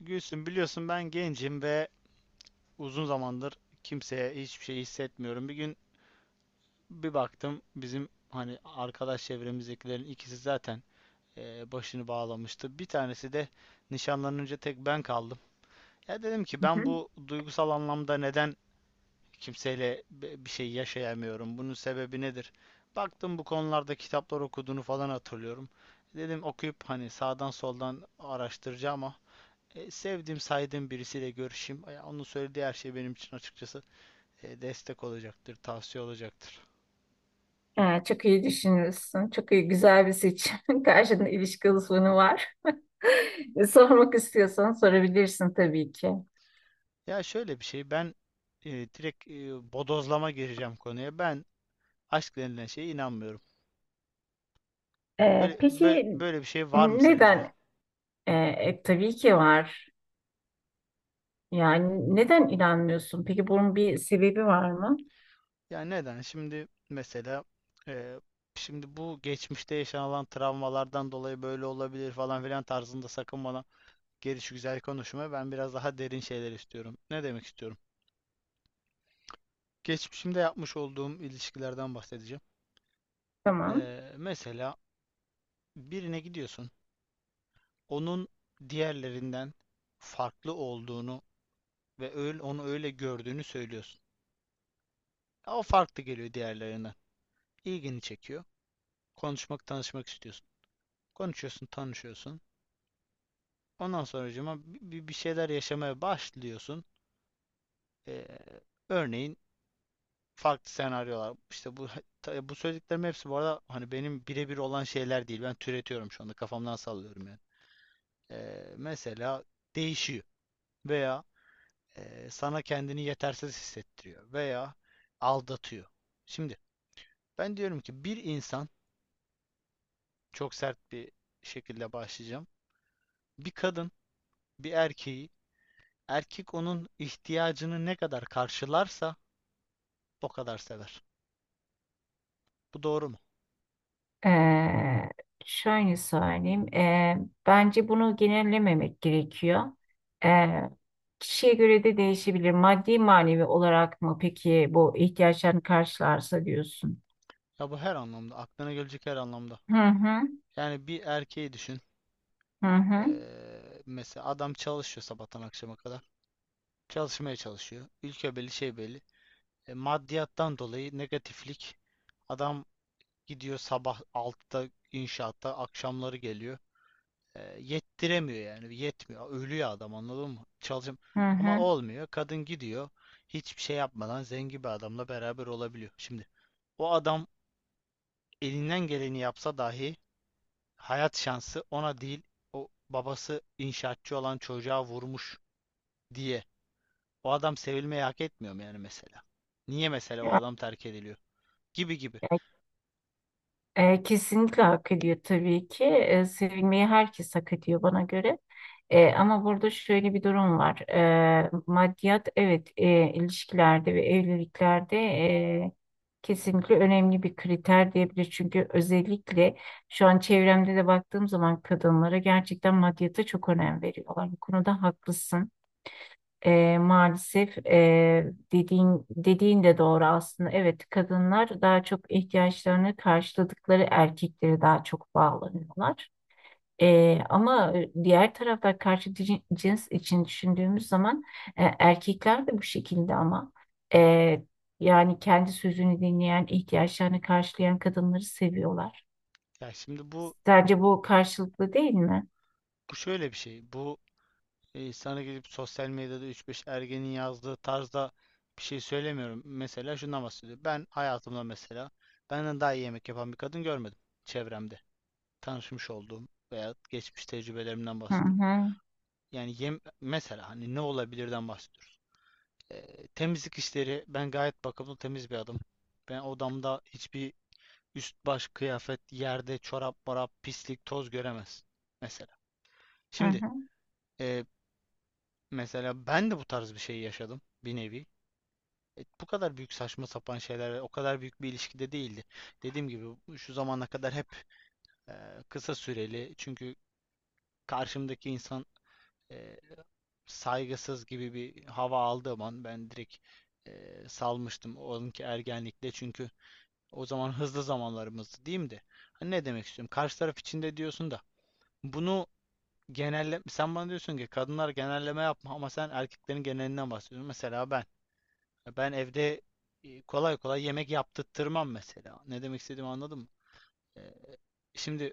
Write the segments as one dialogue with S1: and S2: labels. S1: Gülsüm, biliyorsun ben gencim ve uzun zamandır kimseye hiçbir şey hissetmiyorum. Bir gün bir baktım bizim hani arkadaş çevremizdekilerin ikisi zaten başını bağlamıştı. Bir tanesi de nişanlanınca tek ben kaldım. Ya dedim ki
S2: Hı hı.
S1: ben bu duygusal anlamda neden kimseyle bir şey yaşayamıyorum? Bunun sebebi nedir? Baktım bu konularda kitaplar okuduğunu falan hatırlıyorum. Dedim okuyup hani sağdan soldan araştıracağım ama sevdiğim, saydığım birisiyle görüşeyim. Ya onun söylediği her şey benim için açıkçası destek olacaktır, tavsiye olacaktır.
S2: Ha, çok iyi düşünmüşsün. Çok iyi, güzel bir seçim. Karşında ilişki uzmanı var. Sormak istiyorsan sorabilirsin tabii ki.
S1: Ya şöyle bir şey, ben e, direkt e, bodozlama gireceğim konuya. Ben aşk denilen şeye inanmıyorum. Böyle, böyle,
S2: Peki
S1: böyle bir şey var mı sence?
S2: neden? Tabii ki var. Yani neden inanmıyorsun? Peki bunun bir sebebi var mı?
S1: Yani neden? Şimdi mesela, e, şimdi bu geçmişte yaşanılan travmalardan dolayı böyle olabilir falan filan tarzında sakın bana geliş güzel konuşma. Ben biraz daha derin şeyler istiyorum. Ne demek istiyorum? Geçmişimde yapmış olduğum ilişkilerden bahsedeceğim.
S2: Tamam.
S1: Mesela birine gidiyorsun, onun diğerlerinden farklı olduğunu ve öyle, onu öyle gördüğünü söylüyorsun. O farklı geliyor diğerlerinden. İlgini çekiyor. Konuşmak, tanışmak istiyorsun. Konuşuyorsun, tanışıyorsun. Ondan sonracığıma bir şeyler yaşamaya başlıyorsun. Ee, örneğin farklı senaryolar. İşte bu bu söylediklerimin hepsi bu arada hani benim birebir olan şeyler değil. Ben türetiyorum şu anda. Kafamdan sallıyorum yani. Mesela değişiyor veya sana kendini yetersiz hissettiriyor veya aldatıyor. Şimdi ben diyorum ki bir insan çok sert bir şekilde başlayacağım. Bir kadın bir erkeği, erkek onun ihtiyacını ne kadar karşılarsa o kadar sever. Bu doğru mu?
S2: Ee, Şöyle söyleyeyim. Bence bunu genellememek gerekiyor. Ee, Kişiye göre de değişebilir. Maddi manevi olarak mı peki bu ihtiyaçlarını karşılarsa diyorsun?
S1: Ya bu her anlamda, aklına gelecek her anlamda.
S2: Hı hı,
S1: Yani bir erkeği düşün.
S2: hı hı,
S1: Mesela adam çalışıyor sabahtan akşama kadar. Çalışmaya çalışıyor. Ülke belli, şey belli. E, maddiyattan dolayı negatiflik, adam gidiyor sabah 6'da inşaatta, akşamları geliyor. Yettiremiyor yani, yetmiyor. Ölüyor adam, anladın mı? Çalışım
S2: hı
S1: ama
S2: hı.
S1: olmuyor. Kadın gidiyor. Hiçbir şey yapmadan zengin bir adamla beraber olabiliyor. Şimdi o adam elinden geleni yapsa dahi hayat şansı ona değil, o babası inşaatçı olan çocuğa vurmuş diye. O adam sevilmeyi hak etmiyor mu yani mesela? Niye mesela o
S2: Ya,
S1: adam terk ediliyor? Gibi gibi.
S2: ya kesinlikle hak ediyor tabii ki. Sevilmeyi herkes hak ediyor bana göre. Ama burada şöyle bir durum var. Maddiyat evet ilişkilerde ve evliliklerde kesinlikle önemli bir kriter diyebilir. Çünkü özellikle şu an çevremde de baktığım zaman kadınlara gerçekten maddiyata çok önem veriyorlar. Bu konuda haklısın. Maalesef dediğin de doğru aslında. Evet, kadınlar daha çok ihtiyaçlarını karşıladıkları erkeklere daha çok bağlanıyorlar. Ama diğer tarafta karşı cins için düşündüğümüz zaman erkekler de bu şekilde ama e, yani kendi sözünü dinleyen, ihtiyaçlarını karşılayan kadınları seviyorlar.
S1: Ya şimdi bu
S2: Sence bu karşılıklı değil mi?
S1: bu şöyle bir şey. Bu, sana gelip sosyal medyada üç beş ergenin yazdığı tarzda bir şey söylemiyorum. Mesela şundan bahsediyor. Ben hayatımda mesela benden daha iyi yemek yapan bir kadın görmedim çevremde, tanışmış olduğum veya geçmiş tecrübelerimden
S2: Hı
S1: bahsediyorum.
S2: hı,
S1: Yani mesela hani ne olabilirden bahsediyoruz. Temizlik işleri, ben gayet bakımlı temiz bir adam. Ben odamda hiçbir üst baş kıyafet, yerde çorap, morap, pislik, toz göremez. Mesela.
S2: hı
S1: Şimdi,
S2: hı.
S1: e, mesela ben de bu tarz bir şey yaşadım bir nevi. E, bu kadar büyük saçma sapan şeyler o kadar büyük bir ilişkide değildi. Dediğim gibi şu zamana kadar hep, e, kısa süreli, çünkü karşımdaki insan, e, saygısız gibi bir hava aldığım an ben direkt salmıştım. Onunki ergenlikte çünkü o zaman hızlı zamanlarımızdı diyeyim de. Hani ne demek istiyorum? Karşı taraf içinde diyorsun da bunu genelle, sen bana diyorsun ki kadınlar genelleme yapma ama sen erkeklerin genelinden bahsediyorsun. Mesela ben evde, kolay kolay yemek yaptırtmam mesela. Ne demek istediğimi anladın mı? Eee, Şimdi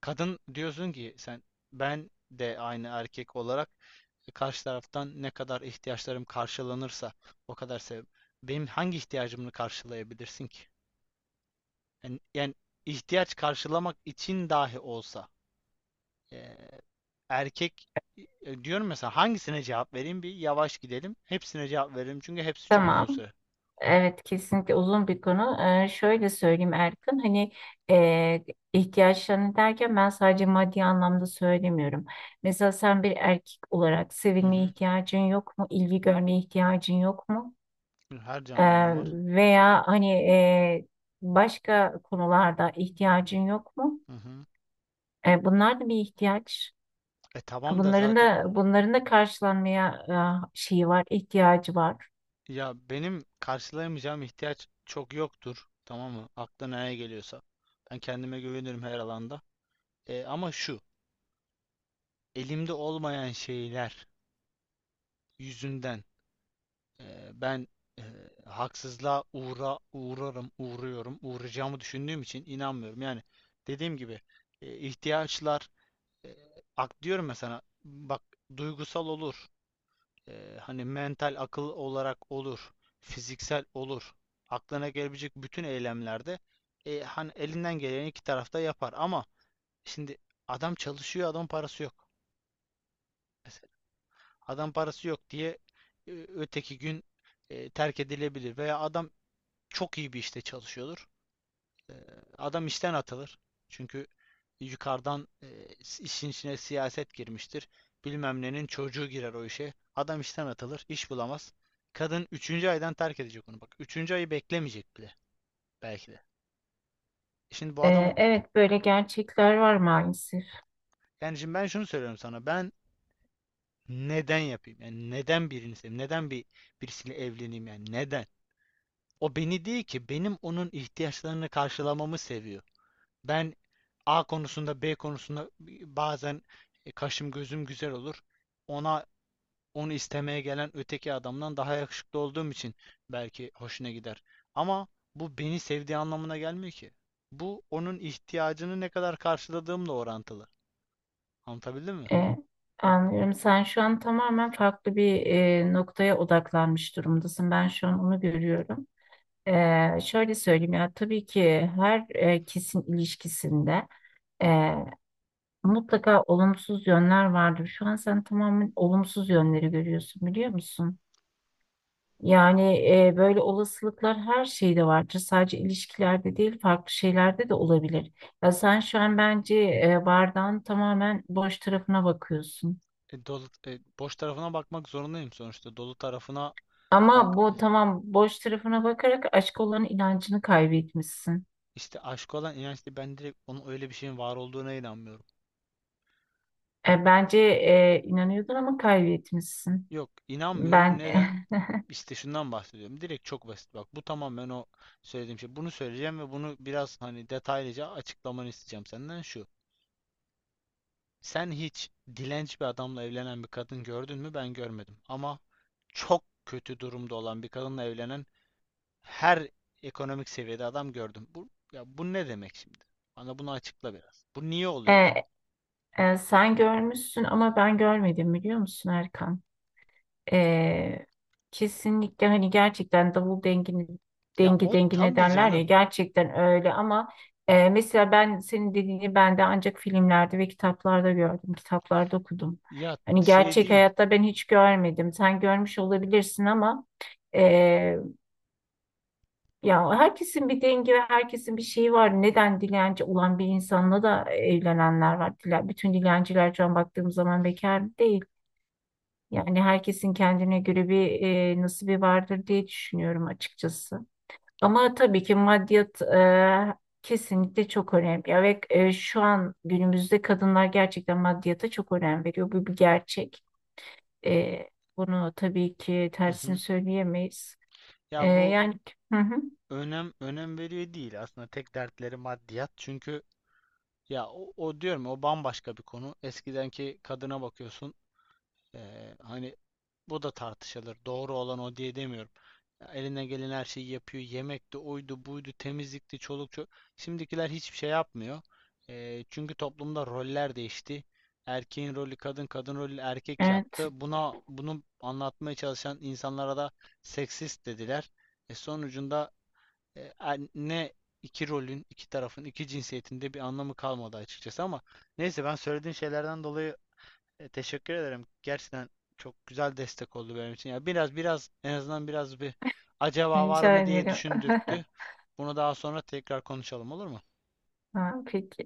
S1: kadın diyorsun ki sen, ben de aynı erkek olarak, karşı taraftan ne kadar ihtiyaçlarım karşılanırsa o kadar sev. Benim hangi ihtiyacımı karşılayabilirsin ki? Yani ihtiyaç karşılamak için dahi olsa, e, erkek, diyorum mesela hangisine cevap vereyim, bir yavaş gidelim. Hepsine cevap veririm çünkü hepsi çok
S2: Tamam.
S1: uzun süre.
S2: Evet kesinlikle uzun bir konu. Şöyle söyleyeyim Erkan, hani e, ihtiyaçlarını derken ben sadece maddi anlamda söylemiyorum. Mesela sen bir erkek olarak
S1: Hı
S2: sevilmeye
S1: hı.
S2: ihtiyacın yok mu? İlgi görmeye ihtiyacın yok mu?
S1: Her
S2: Ee,
S1: canlının var.
S2: Veya hani başka konularda ihtiyacın yok mu?
S1: Hı hı.
S2: Bunlar da bir ihtiyaç.
S1: E tamam da
S2: Bunların
S1: zaten,
S2: da bunların da karşılanmaya şeyi var, ihtiyacı var.
S1: ya benim karşılayamayacağım ihtiyaç çok yoktur. Tamam mı? Aklına ne geliyorsa. Ben kendime güvenirim her alanda. E, ama şu, elimde olmayan şeyler yüzünden, ben e, haksızlığa uğrarım, uğruyorum, uğrayacağımı düşündüğüm için inanmıyorum. Yani dediğim gibi, ihtiyaçlar, e, ak diyorum ya sana, bak, duygusal olur. Hani mental akıl olarak olur, fiziksel olur. Aklına gelebilecek bütün eylemlerde, hani elinden geleni iki tarafta yapar ama şimdi adam çalışıyor, adam parası yok. Mesela adam parası yok diye, öteki gün, terk edilebilir veya adam çok iyi bir işte çalışıyordur. Ee, Adam işten atılır. Çünkü yukarıdan, işin içine siyaset girmiştir. Bilmem nenin çocuğu girer o işe. Adam işten atılır, iş bulamaz. Kadın üçüncü aydan terk edecek onu. Bak üçüncü ayı beklemeyecek bile belki de. Şimdi bu adam,
S2: Evet böyle gerçekler var maalesef.
S1: yani şimdi ben şunu söylüyorum sana. Ben neden yapayım? Yani neden birini seveyim? Neden birisiyle evleneyim yani? Neden? O beni değil ki, benim onun ihtiyaçlarını karşılamamı seviyor. Ben A konusunda, B konusunda bazen, kaşım gözüm güzel olur. Ona, onu istemeye gelen öteki adamdan daha yakışıklı olduğum için belki hoşuna gider. Ama bu beni sevdiği anlamına gelmiyor ki. Bu onun ihtiyacını ne kadar karşıladığımla orantılı. Anlatabildim mi?
S2: E, Anlıyorum. Sen şu an tamamen farklı bir noktaya odaklanmış durumdasın. Ben şu an onu görüyorum. Şöyle söyleyeyim, ya tabii ki her kesin ilişkisinde e, mutlaka olumsuz yönler vardır. Şu an sen tamamen olumsuz yönleri görüyorsun biliyor musun? Yani böyle olasılıklar her şeyde vardır. Sadece ilişkilerde değil farklı şeylerde de olabilir. Ya sen şu an bence bardağın tamamen boş tarafına bakıyorsun.
S1: Dolu, boş tarafına bakmak zorundayım sonuçta. Dolu tarafına
S2: Ama
S1: bak,
S2: bu tamam boş tarafına bakarak aşk olan inancını kaybetmişsin.
S1: işte aşk olan inançlı ben direkt onun öyle bir şeyin var olduğuna inanmıyorum.
S2: Bence inanıyordun ama kaybetmişsin.
S1: Yok inanmıyorum.
S2: Ben
S1: Neden? İşte şundan bahsediyorum. Direkt çok basit bak. Bu tamamen o söylediğim şey. Bunu söyleyeceğim ve bunu biraz hani detaylıca açıklamanı isteyeceğim senden şu. Sen hiç dilenci bir adamla evlenen bir kadın gördün mü? Ben görmedim. Ama çok kötü durumda olan bir kadınla evlenen her ekonomik seviyede adam gördüm. Bu, ya bu ne demek şimdi? Bana bunu açıkla biraz. Bu niye oluyor
S2: e,
S1: yani?
S2: sen görmüşsün ama ben görmedim biliyor musun Erkan? Ee, Kesinlikle hani gerçekten davul dengini
S1: Ya
S2: dengi
S1: o
S2: dengine
S1: tabii
S2: derler ya,
S1: canım.
S2: gerçekten öyle ama mesela ben senin dediğini ben de ancak filmlerde ve kitaplarda gördüm, kitaplarda okudum.
S1: Ya
S2: Hani
S1: şey
S2: gerçek
S1: değil.
S2: hayatta ben hiç görmedim. Sen görmüş olabilirsin ama e, ya herkesin bir dengi ve herkesin bir şeyi var. Neden dilenci olan bir insanla da evlenenler var. Bütün dilenciler şu an baktığım zaman bekar değil. Yani herkesin kendine göre bir nasibi vardır diye düşünüyorum açıkçası. Ama tabii ki maddiyat kesinlikle çok önemli. Ve şu an günümüzde kadınlar gerçekten maddiyata çok önem veriyor. Bu bir gerçek. E, Bunu tabii ki
S1: Hı
S2: tersini
S1: hı.
S2: söyleyemeyiz. E,
S1: Ya bu
S2: yani hı hı,
S1: önem veriyor değil aslında, tek dertleri maddiyat. Çünkü ya o diyorum o bambaşka bir konu. Eskidenki kadına bakıyorsun. Hani bu da tartışılır. Doğru olan o diye demiyorum. Ya eline gelen her şeyi yapıyor. Yemekti, oydu, buydu, temizlikti, çoluk çocuk. Şimdikiler hiçbir şey yapmıyor. Çünkü toplumda roller değişti. Erkeğin rolü kadın, kadın rolü erkek
S2: evet,
S1: yaptı. Bunu anlatmaya çalışan insanlara da seksist dediler. E sonucunda, anne, iki rolün, iki tarafın, iki cinsiyetinde bir anlamı kalmadı açıkçası ama neyse, ben söylediğin şeylerden dolayı, teşekkür ederim. Gerçekten çok güzel destek oldu benim için. Ya biraz en azından biraz bir acaba var
S2: rica
S1: mı diye
S2: ederim.
S1: düşündürttü. Bunu daha sonra tekrar konuşalım, olur mu?
S2: Ha, peki.